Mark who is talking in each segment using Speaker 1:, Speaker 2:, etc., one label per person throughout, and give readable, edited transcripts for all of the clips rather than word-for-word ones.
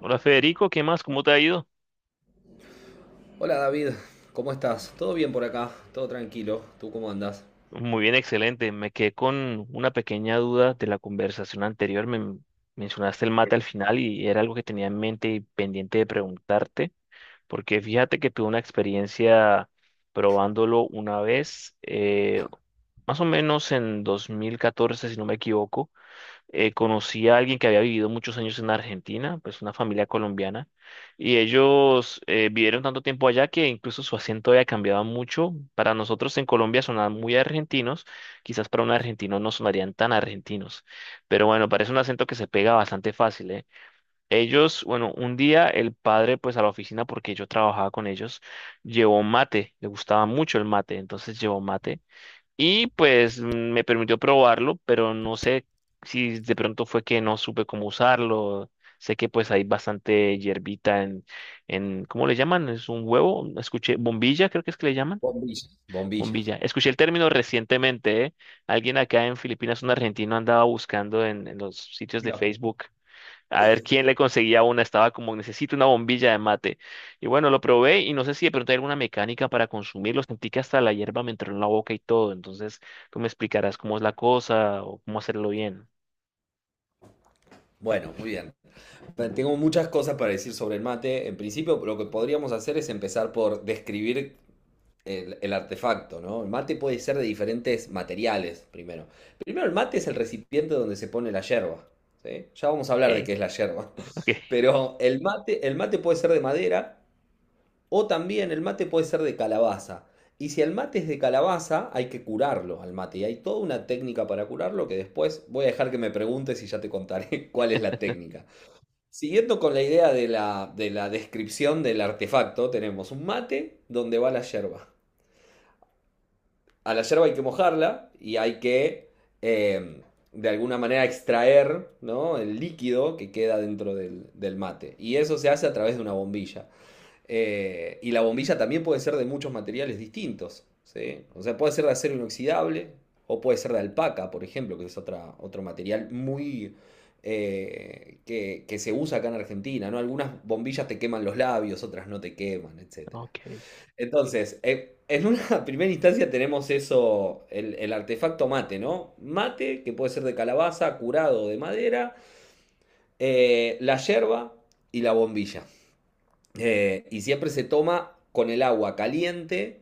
Speaker 1: Hola Federico, ¿qué más? ¿Cómo te ha ido?
Speaker 2: Hola David, ¿cómo estás? ¿Todo bien por acá? ¿Todo tranquilo? ¿Tú cómo andas?
Speaker 1: Muy bien, excelente. Me quedé con una pequeña duda de la conversación anterior. Me mencionaste el mate al final y era algo que tenía en mente y pendiente de preguntarte, porque fíjate que tuve una experiencia probándolo una vez, más o menos en 2014, si no me equivoco. Conocí a alguien que había vivido muchos años en Argentina, pues una familia colombiana, y ellos vivieron tanto tiempo allá que incluso su acento había cambiado mucho. Para nosotros en Colombia sonaban muy argentinos, quizás para un argentino no sonarían tan argentinos, pero bueno, parece un acento que se pega bastante fácil, ¿eh? Ellos, bueno, un día el padre, pues a la oficina, porque yo trabajaba con ellos, llevó mate, le gustaba mucho el mate, entonces llevó mate. Y pues me permitió probarlo, pero no sé si de pronto fue que no supe cómo usarlo. Sé que pues hay bastante hierbita en, ¿cómo le llaman? Es un huevo, escuché, bombilla, creo que es que le llaman,
Speaker 2: Bombilla. Bombilla.
Speaker 1: bombilla. Escuché el término recientemente, ¿eh? Alguien acá en Filipinas, un argentino, andaba buscando en los sitios de
Speaker 2: Claro.
Speaker 1: Facebook a ver quién le conseguía una. Estaba como, necesito una bombilla de mate. Y bueno, lo probé y no sé si de pronto hay alguna mecánica para consumirlo. Sentí que hasta la hierba me entró en la boca y todo. Entonces, tú me explicarás cómo es la cosa o cómo hacerlo bien.
Speaker 2: Bueno, muy bien. Tengo muchas cosas para decir sobre el mate. En principio, lo que podríamos hacer es empezar por describir el artefacto, ¿no? El mate puede ser de diferentes materiales, primero. Primero, el mate es el recipiente donde se pone la yerba, ¿sí? Ya vamos a hablar de
Speaker 1: Ok,
Speaker 2: qué es la yerba. Pero el mate puede ser de madera. O también el mate puede ser de calabaza. Y si el mate es de calabaza, hay que curarlo al mate. Y hay toda una técnica para curarlo que después voy a dejar que me preguntes y ya te contaré cuál es la técnica. Siguiendo con la idea de la descripción del artefacto, tenemos un mate donde va la yerba. A la yerba hay que mojarla y hay que eh, de alguna manera extraer, ¿no?, el líquido que queda dentro del mate. Y eso se hace a través de una bombilla. Y la bombilla también puede ser de muchos materiales distintos, ¿sí? O sea, puede ser de acero inoxidable o puede ser de alpaca, por ejemplo, que es otra, otro material muy que se usa acá en Argentina, ¿no? Algunas bombillas te queman los labios, otras no te queman, etcétera.
Speaker 1: ok, ok.
Speaker 2: Entonces, en una primera instancia tenemos eso, el artefacto mate, ¿no? Mate, que puede ser de calabaza, curado o de madera, la yerba y la bombilla. Y siempre se toma con el agua caliente,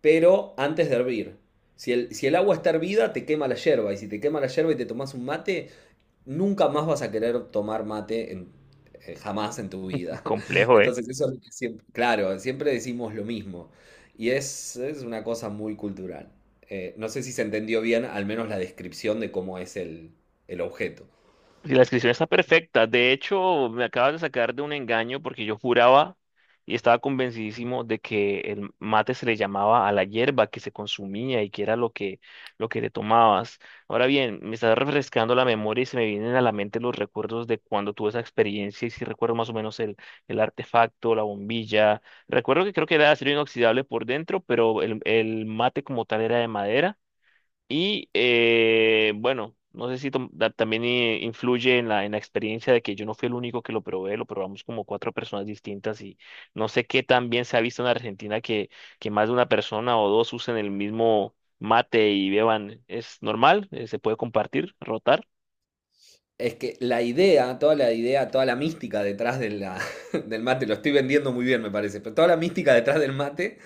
Speaker 2: pero antes de hervir. Si el agua está hervida, te quema la yerba. Y si te quema la yerba y te tomas un mate, nunca más vas a querer tomar jamás en tu vida.
Speaker 1: Complejo, ¿eh?
Speaker 2: Entonces, eso es lo que siempre, claro, siempre decimos lo mismo. Y es una cosa muy cultural. No sé si se entendió bien, al menos la descripción de cómo es el objeto.
Speaker 1: Si la descripción está perfecta. De hecho, me acabas de sacar de un engaño porque yo juraba y estaba convencidísimo de que el mate se le llamaba a la hierba que se consumía y que era lo que le tomabas. Ahora bien, me está refrescando la memoria y se me vienen a la mente los recuerdos de cuando tuve esa experiencia y sí recuerdo más o menos el artefacto, la bombilla. Recuerdo que creo que era de acero inoxidable por dentro, pero el mate como tal era de madera. Y bueno, no sé si también influye en la experiencia de que yo no fui el único que lo probé, lo probamos como cuatro personas distintas y no sé qué tan bien se ha visto en Argentina que más de una persona o dos usen el mismo mate y beban. ¿Es normal? ¿Se puede compartir, rotar?
Speaker 2: Es que la idea, toda la idea, toda la mística detrás de del mate, lo estoy vendiendo muy bien me parece, pero toda la mística detrás del mate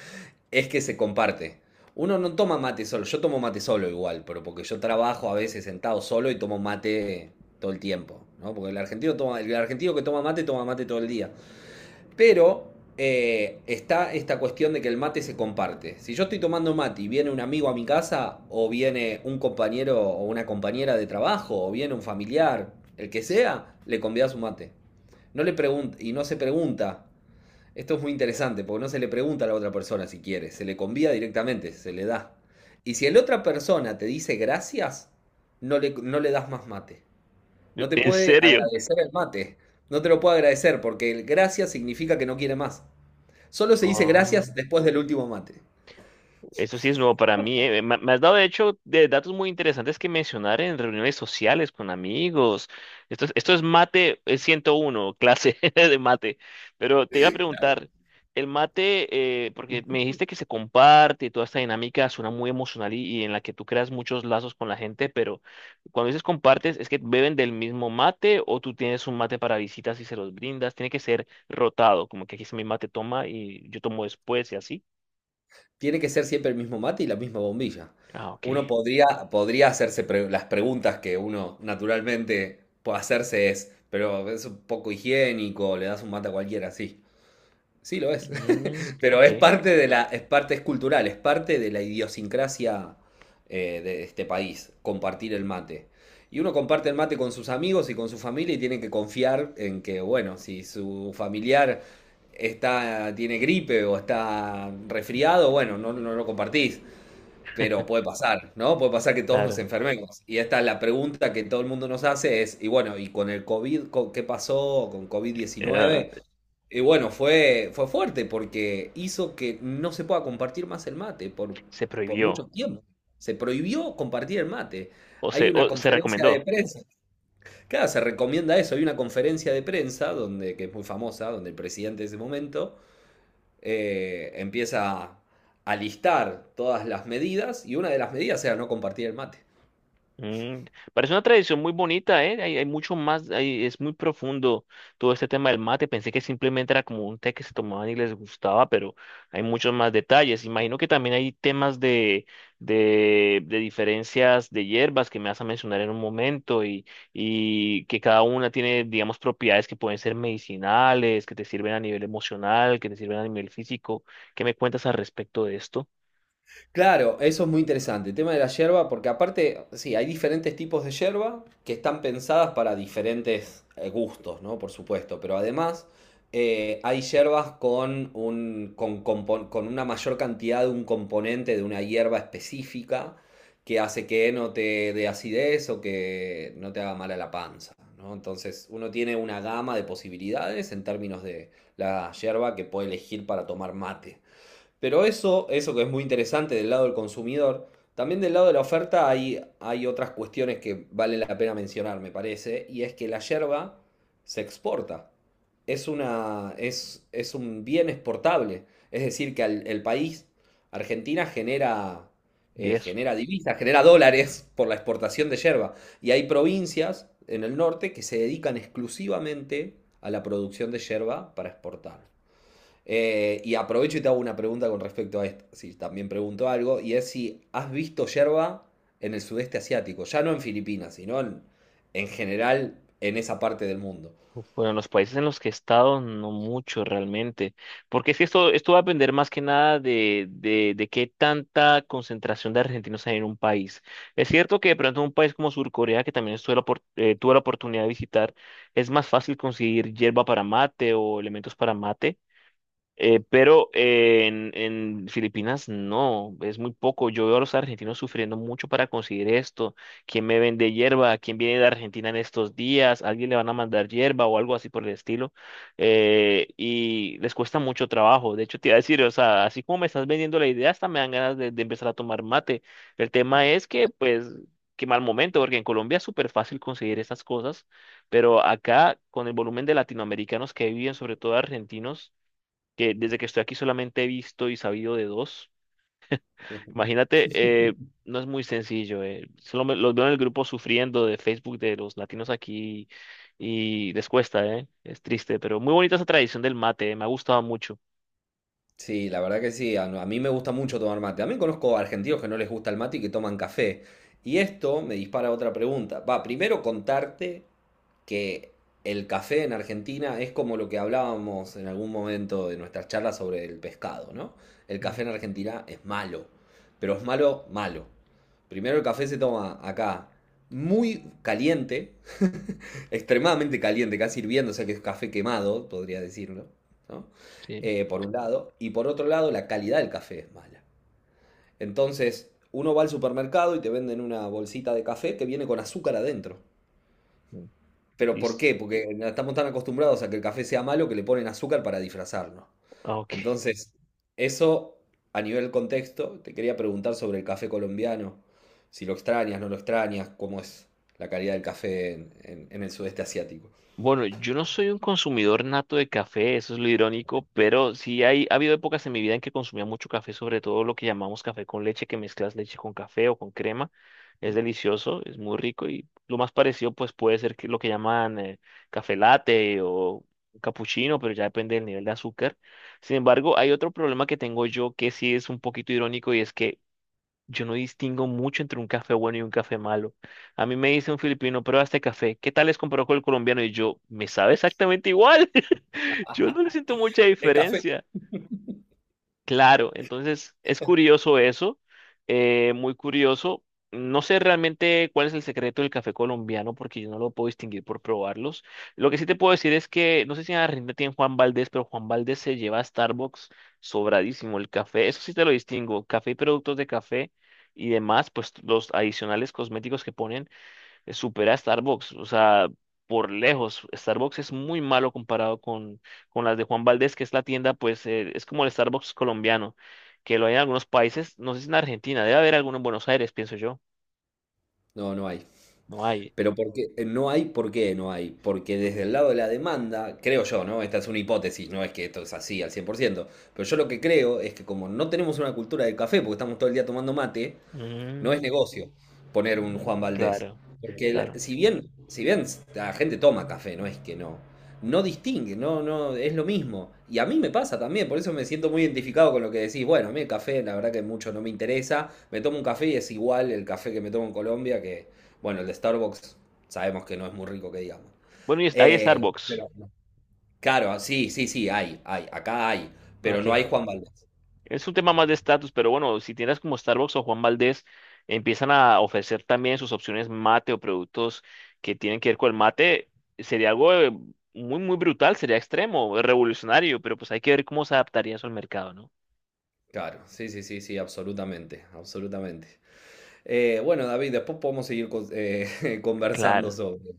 Speaker 2: es que se comparte. Uno no toma mate solo, yo tomo mate solo igual, pero porque yo trabajo a veces sentado solo y tomo mate todo el tiempo, ¿no? Porque el argentino toma, el argentino que toma mate todo el día. Pero está esta cuestión de que el mate se comparte. Si yo estoy tomando mate y viene un amigo a mi casa, o viene un compañero o una compañera de trabajo, o viene un familiar, el que sea, le convidas un mate. No le pregunta y no se pregunta. Esto es muy interesante, porque no se le pregunta a la otra persona si quiere, se le convida directamente, se le da. Y si la otra persona te dice gracias, no le das más mate. No te
Speaker 1: ¿En
Speaker 2: puede
Speaker 1: serio?
Speaker 2: agradecer el mate. No te lo puede agradecer porque el gracias significa que no quiere más. Solo se dice
Speaker 1: Oh.
Speaker 2: gracias después del último mate.
Speaker 1: Eso sí es nuevo para mí. Eh. Me has dado, de hecho, de datos muy interesantes que mencionar en reuniones sociales con amigos. Esto es mate, 101 clase de mate. Pero te iba a preguntar, el mate, porque me dijiste que se comparte y toda esta dinámica suena muy emocional y en la que tú creas muchos lazos con la gente, pero cuando dices compartes, ¿es que beben del mismo mate o tú tienes un mate para visitas y se los brindas? Tiene que ser rotado, como que aquí es mi mate, toma y yo tomo después y así.
Speaker 2: Tiene que ser siempre el mismo mate y la misma bombilla.
Speaker 1: Ah, ok.
Speaker 2: Uno podría, podría las preguntas que uno naturalmente puede hacerse es, pero es un poco higiénico, le das un mate a cualquiera, sí. Sí lo es.
Speaker 1: Mm,
Speaker 2: Pero
Speaker 1: ok,
Speaker 2: es parte de la, es parte es cultural, es parte de la idiosincrasia de este país, compartir el mate. Y uno comparte el mate con sus amigos y con su familia y tiene que confiar en que, bueno, si su familiar está, tiene gripe o está resfriado, bueno, no, no lo compartís. Pero puede pasar, ¿no? Puede pasar que todos nos
Speaker 1: claro.
Speaker 2: enfermemos. Y esta es la pregunta que todo el mundo nos hace es, y bueno, ¿y con el qué pasó con covid
Speaker 1: Eh,
Speaker 2: diecinueve Y bueno, fue, fue fuerte porque hizo que no se pueda compartir más el mate
Speaker 1: se
Speaker 2: por mucho
Speaker 1: prohibió
Speaker 2: tiempo. Se prohibió compartir el mate. Hay una
Speaker 1: o se
Speaker 2: conferencia de
Speaker 1: recomendó.
Speaker 2: prensa. Claro, se recomienda eso. Hay una conferencia de prensa donde, que es muy famosa, donde el presidente de ese momento empieza a listar todas las medidas y una de las medidas era no compartir el mate.
Speaker 1: Mm, parece una tradición muy bonita, ¿eh? Hay mucho más, hay- es muy profundo todo este tema del mate. Pensé que simplemente era como un té que se tomaban y les gustaba, pero hay muchos más detalles. Imagino que también hay temas de diferencias de hierbas que me vas a mencionar en un momento y que cada una tiene, digamos, propiedades que pueden ser medicinales, que te sirven a nivel emocional, que te sirven a nivel físico. ¿Qué me cuentas al respecto de esto?
Speaker 2: Claro, eso es muy interesante. El tema de la yerba, porque aparte, sí, hay diferentes tipos de yerba que están pensadas para diferentes gustos, ¿no? Por supuesto. Pero además, hay yerbas con con una mayor cantidad de un componente de una hierba específica que hace que no te dé acidez o que no te haga mal a la panza, ¿no? Entonces, uno tiene una gama de posibilidades en términos de la yerba que puede elegir para tomar mate. Pero eso que es muy interesante del lado del consumidor, también del lado de la oferta hay, hay otras cuestiones que vale la pena mencionar, me parece, y es que la yerba se exporta. Es, una, es un bien exportable. Es decir, que el país, Argentina, genera,
Speaker 1: ¿Ingreso?
Speaker 2: genera divisas, genera dólares por la exportación de yerba. Y hay provincias en el norte que se dedican exclusivamente a la producción de yerba para exportar. Y aprovecho y te hago una pregunta con respecto a esto, si también pregunto algo, y es si has visto yerba en el sudeste asiático, ya no en Filipinas, sino en general en esa parte del mundo.
Speaker 1: Uf, bueno, en los países en los que he estado, no mucho realmente, porque es que esto va a depender más que nada de qué tanta concentración de argentinos hay en un país. Es cierto que de pronto un país como Surcorea, que también estuve tuve la oportunidad de visitar, es más fácil conseguir yerba para mate o elementos para mate, pero en Filipinas no, es muy poco. Yo veo a los argentinos sufriendo mucho para conseguir esto. ¿Quién me vende hierba? ¿Quién viene de Argentina en estos días? ¿Alguien le van a mandar hierba o algo así por el estilo? Y les cuesta mucho trabajo. De hecho, te iba a decir, o sea, así como me estás vendiendo la idea, hasta me dan ganas de empezar a tomar mate. El tema es que, pues, qué mal momento, porque en Colombia es súper fácil conseguir estas cosas, pero acá, con el volumen de latinoamericanos que viven, sobre todo argentinos, que desde que estoy aquí solamente he visto y sabido de dos. Imagínate, eh, no es muy sencillo. Solo los veo en el grupo sufriendo de Facebook de los latinos aquí y les cuesta, ¿eh? Es triste, pero muy bonita esa tradición del mate, eh. Me ha gustado mucho.
Speaker 2: Sí, la verdad que sí. A mí me gusta mucho tomar mate. También conozco argentinos que no les gusta el mate y que toman café. Y esto me dispara otra pregunta. Va, primero contarte que el café en Argentina es como lo que hablábamos en algún momento de nuestras charlas sobre el pescado, ¿no? El
Speaker 1: Mm.
Speaker 2: café en Argentina es malo, pero es malo, malo. Primero el café se toma acá muy caliente, extremadamente caliente, casi hirviendo, o sea que es café quemado, podría decirlo, ¿no?
Speaker 1: Sí.
Speaker 2: Por un lado, y por otro lado, la calidad del café es mala. Entonces, uno va al supermercado y te venden una bolsita de café que viene con azúcar adentro.
Speaker 1: Mm.
Speaker 2: ¿Pero por
Speaker 1: Listo.
Speaker 2: qué? Porque no estamos tan acostumbrados a que el café sea malo que le ponen azúcar para disfrazarlo.
Speaker 1: Ah, ok.
Speaker 2: Entonces, eso a nivel contexto, te quería preguntar sobre el café colombiano, si lo extrañas, no lo extrañas, cómo es la calidad del café en el sudeste asiático.
Speaker 1: Bueno, yo no soy un consumidor nato de café, eso es lo irónico, pero sí hay, ha habido épocas en mi vida en que consumía mucho café, sobre todo lo que llamamos café con leche, que mezclas leche con café o con crema. Es delicioso, es muy rico y lo más parecido pues puede ser que lo que llaman, café latte o capuchino, pero ya depende del nivel de azúcar. Sin embargo, hay otro problema que tengo yo que sí es un poquito irónico y es que yo no distingo mucho entre un café bueno y un café malo. A mí me dice un filipino, prueba este café. ¿Qué tal es comparado con el colombiano? Y yo, me sabe exactamente igual. Yo no le siento mucha
Speaker 2: ¿Es café?
Speaker 1: diferencia. Claro, entonces es curioso eso, muy curioso. No sé realmente cuál es el secreto del café colombiano porque yo no lo puedo distinguir por probarlos. Lo que sí te puedo decir es que no sé si en Argentina tienen Juan Valdés, pero Juan Valdés se lleva a Starbucks sobradísimo el café. Eso sí te lo distingo. Café y productos de café y demás, pues los adicionales cosméticos que ponen supera a Starbucks, o sea, por lejos, Starbucks es muy malo comparado con las de Juan Valdez, que es la tienda, pues es como el Starbucks colombiano, que lo hay en algunos países, no sé si en Argentina, debe haber alguno en Buenos Aires, pienso yo,
Speaker 2: No, no hay.
Speaker 1: no hay.
Speaker 2: Pero porque no hay, ¿por qué no hay? Porque desde el lado de la demanda, creo yo, ¿no? Esta es una hipótesis, no es que esto es así al 100%. Pero yo lo que creo es que como no tenemos una cultura del café, porque estamos todo el día tomando mate, no es
Speaker 1: Mm,
Speaker 2: negocio poner un
Speaker 1: mm,
Speaker 2: Juan Valdés.
Speaker 1: claro,
Speaker 2: Porque
Speaker 1: claro.
Speaker 2: si bien, si bien la gente toma café, no es que no. No distingue, no, no, es lo mismo. Y a mí me pasa también, por eso me siento muy identificado con lo que decís. Bueno, a mí el café, la verdad que mucho no me interesa. Me tomo un café y es igual el café que me tomo en Colombia, que, bueno, el de Starbucks sabemos que no es muy rico que digamos.
Speaker 1: Bueno, y es- hay Starbucks,
Speaker 2: Pero, claro, sí, sí, sí, hay, acá hay, pero
Speaker 1: ok.
Speaker 2: no hay Juan Valdez.
Speaker 1: Es un tema más de estatus, pero bueno, si tienes como Starbucks o Juan Valdez, empiezan a ofrecer también sus opciones mate o productos que tienen que ver con el mate, sería algo, muy, muy brutal, sería extremo, revolucionario, pero pues hay que ver cómo se adaptaría eso al mercado, ¿no?
Speaker 2: Claro, sí, sí, sí, sí, absolutamente, absolutamente. Bueno, David, después podemos seguir conversando
Speaker 1: Claro.
Speaker 2: sobre,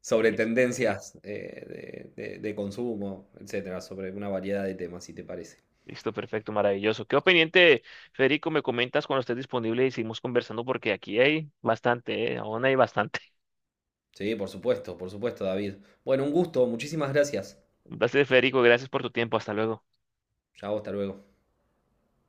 Speaker 2: sobre
Speaker 1: Listo,
Speaker 2: tendencias de, de consumo, etcétera, sobre una variedad de temas, si te parece.
Speaker 1: listo, perfecto, maravilloso. Quedo pendiente, Federico, me comentas cuando estés disponible y seguimos conversando porque aquí hay bastante, ¿eh? Aún hay bastante.
Speaker 2: Sí, por supuesto, David. Bueno, un gusto, muchísimas gracias.
Speaker 1: Un placer, Federico, gracias por tu tiempo, hasta luego.
Speaker 2: Chao, hasta luego.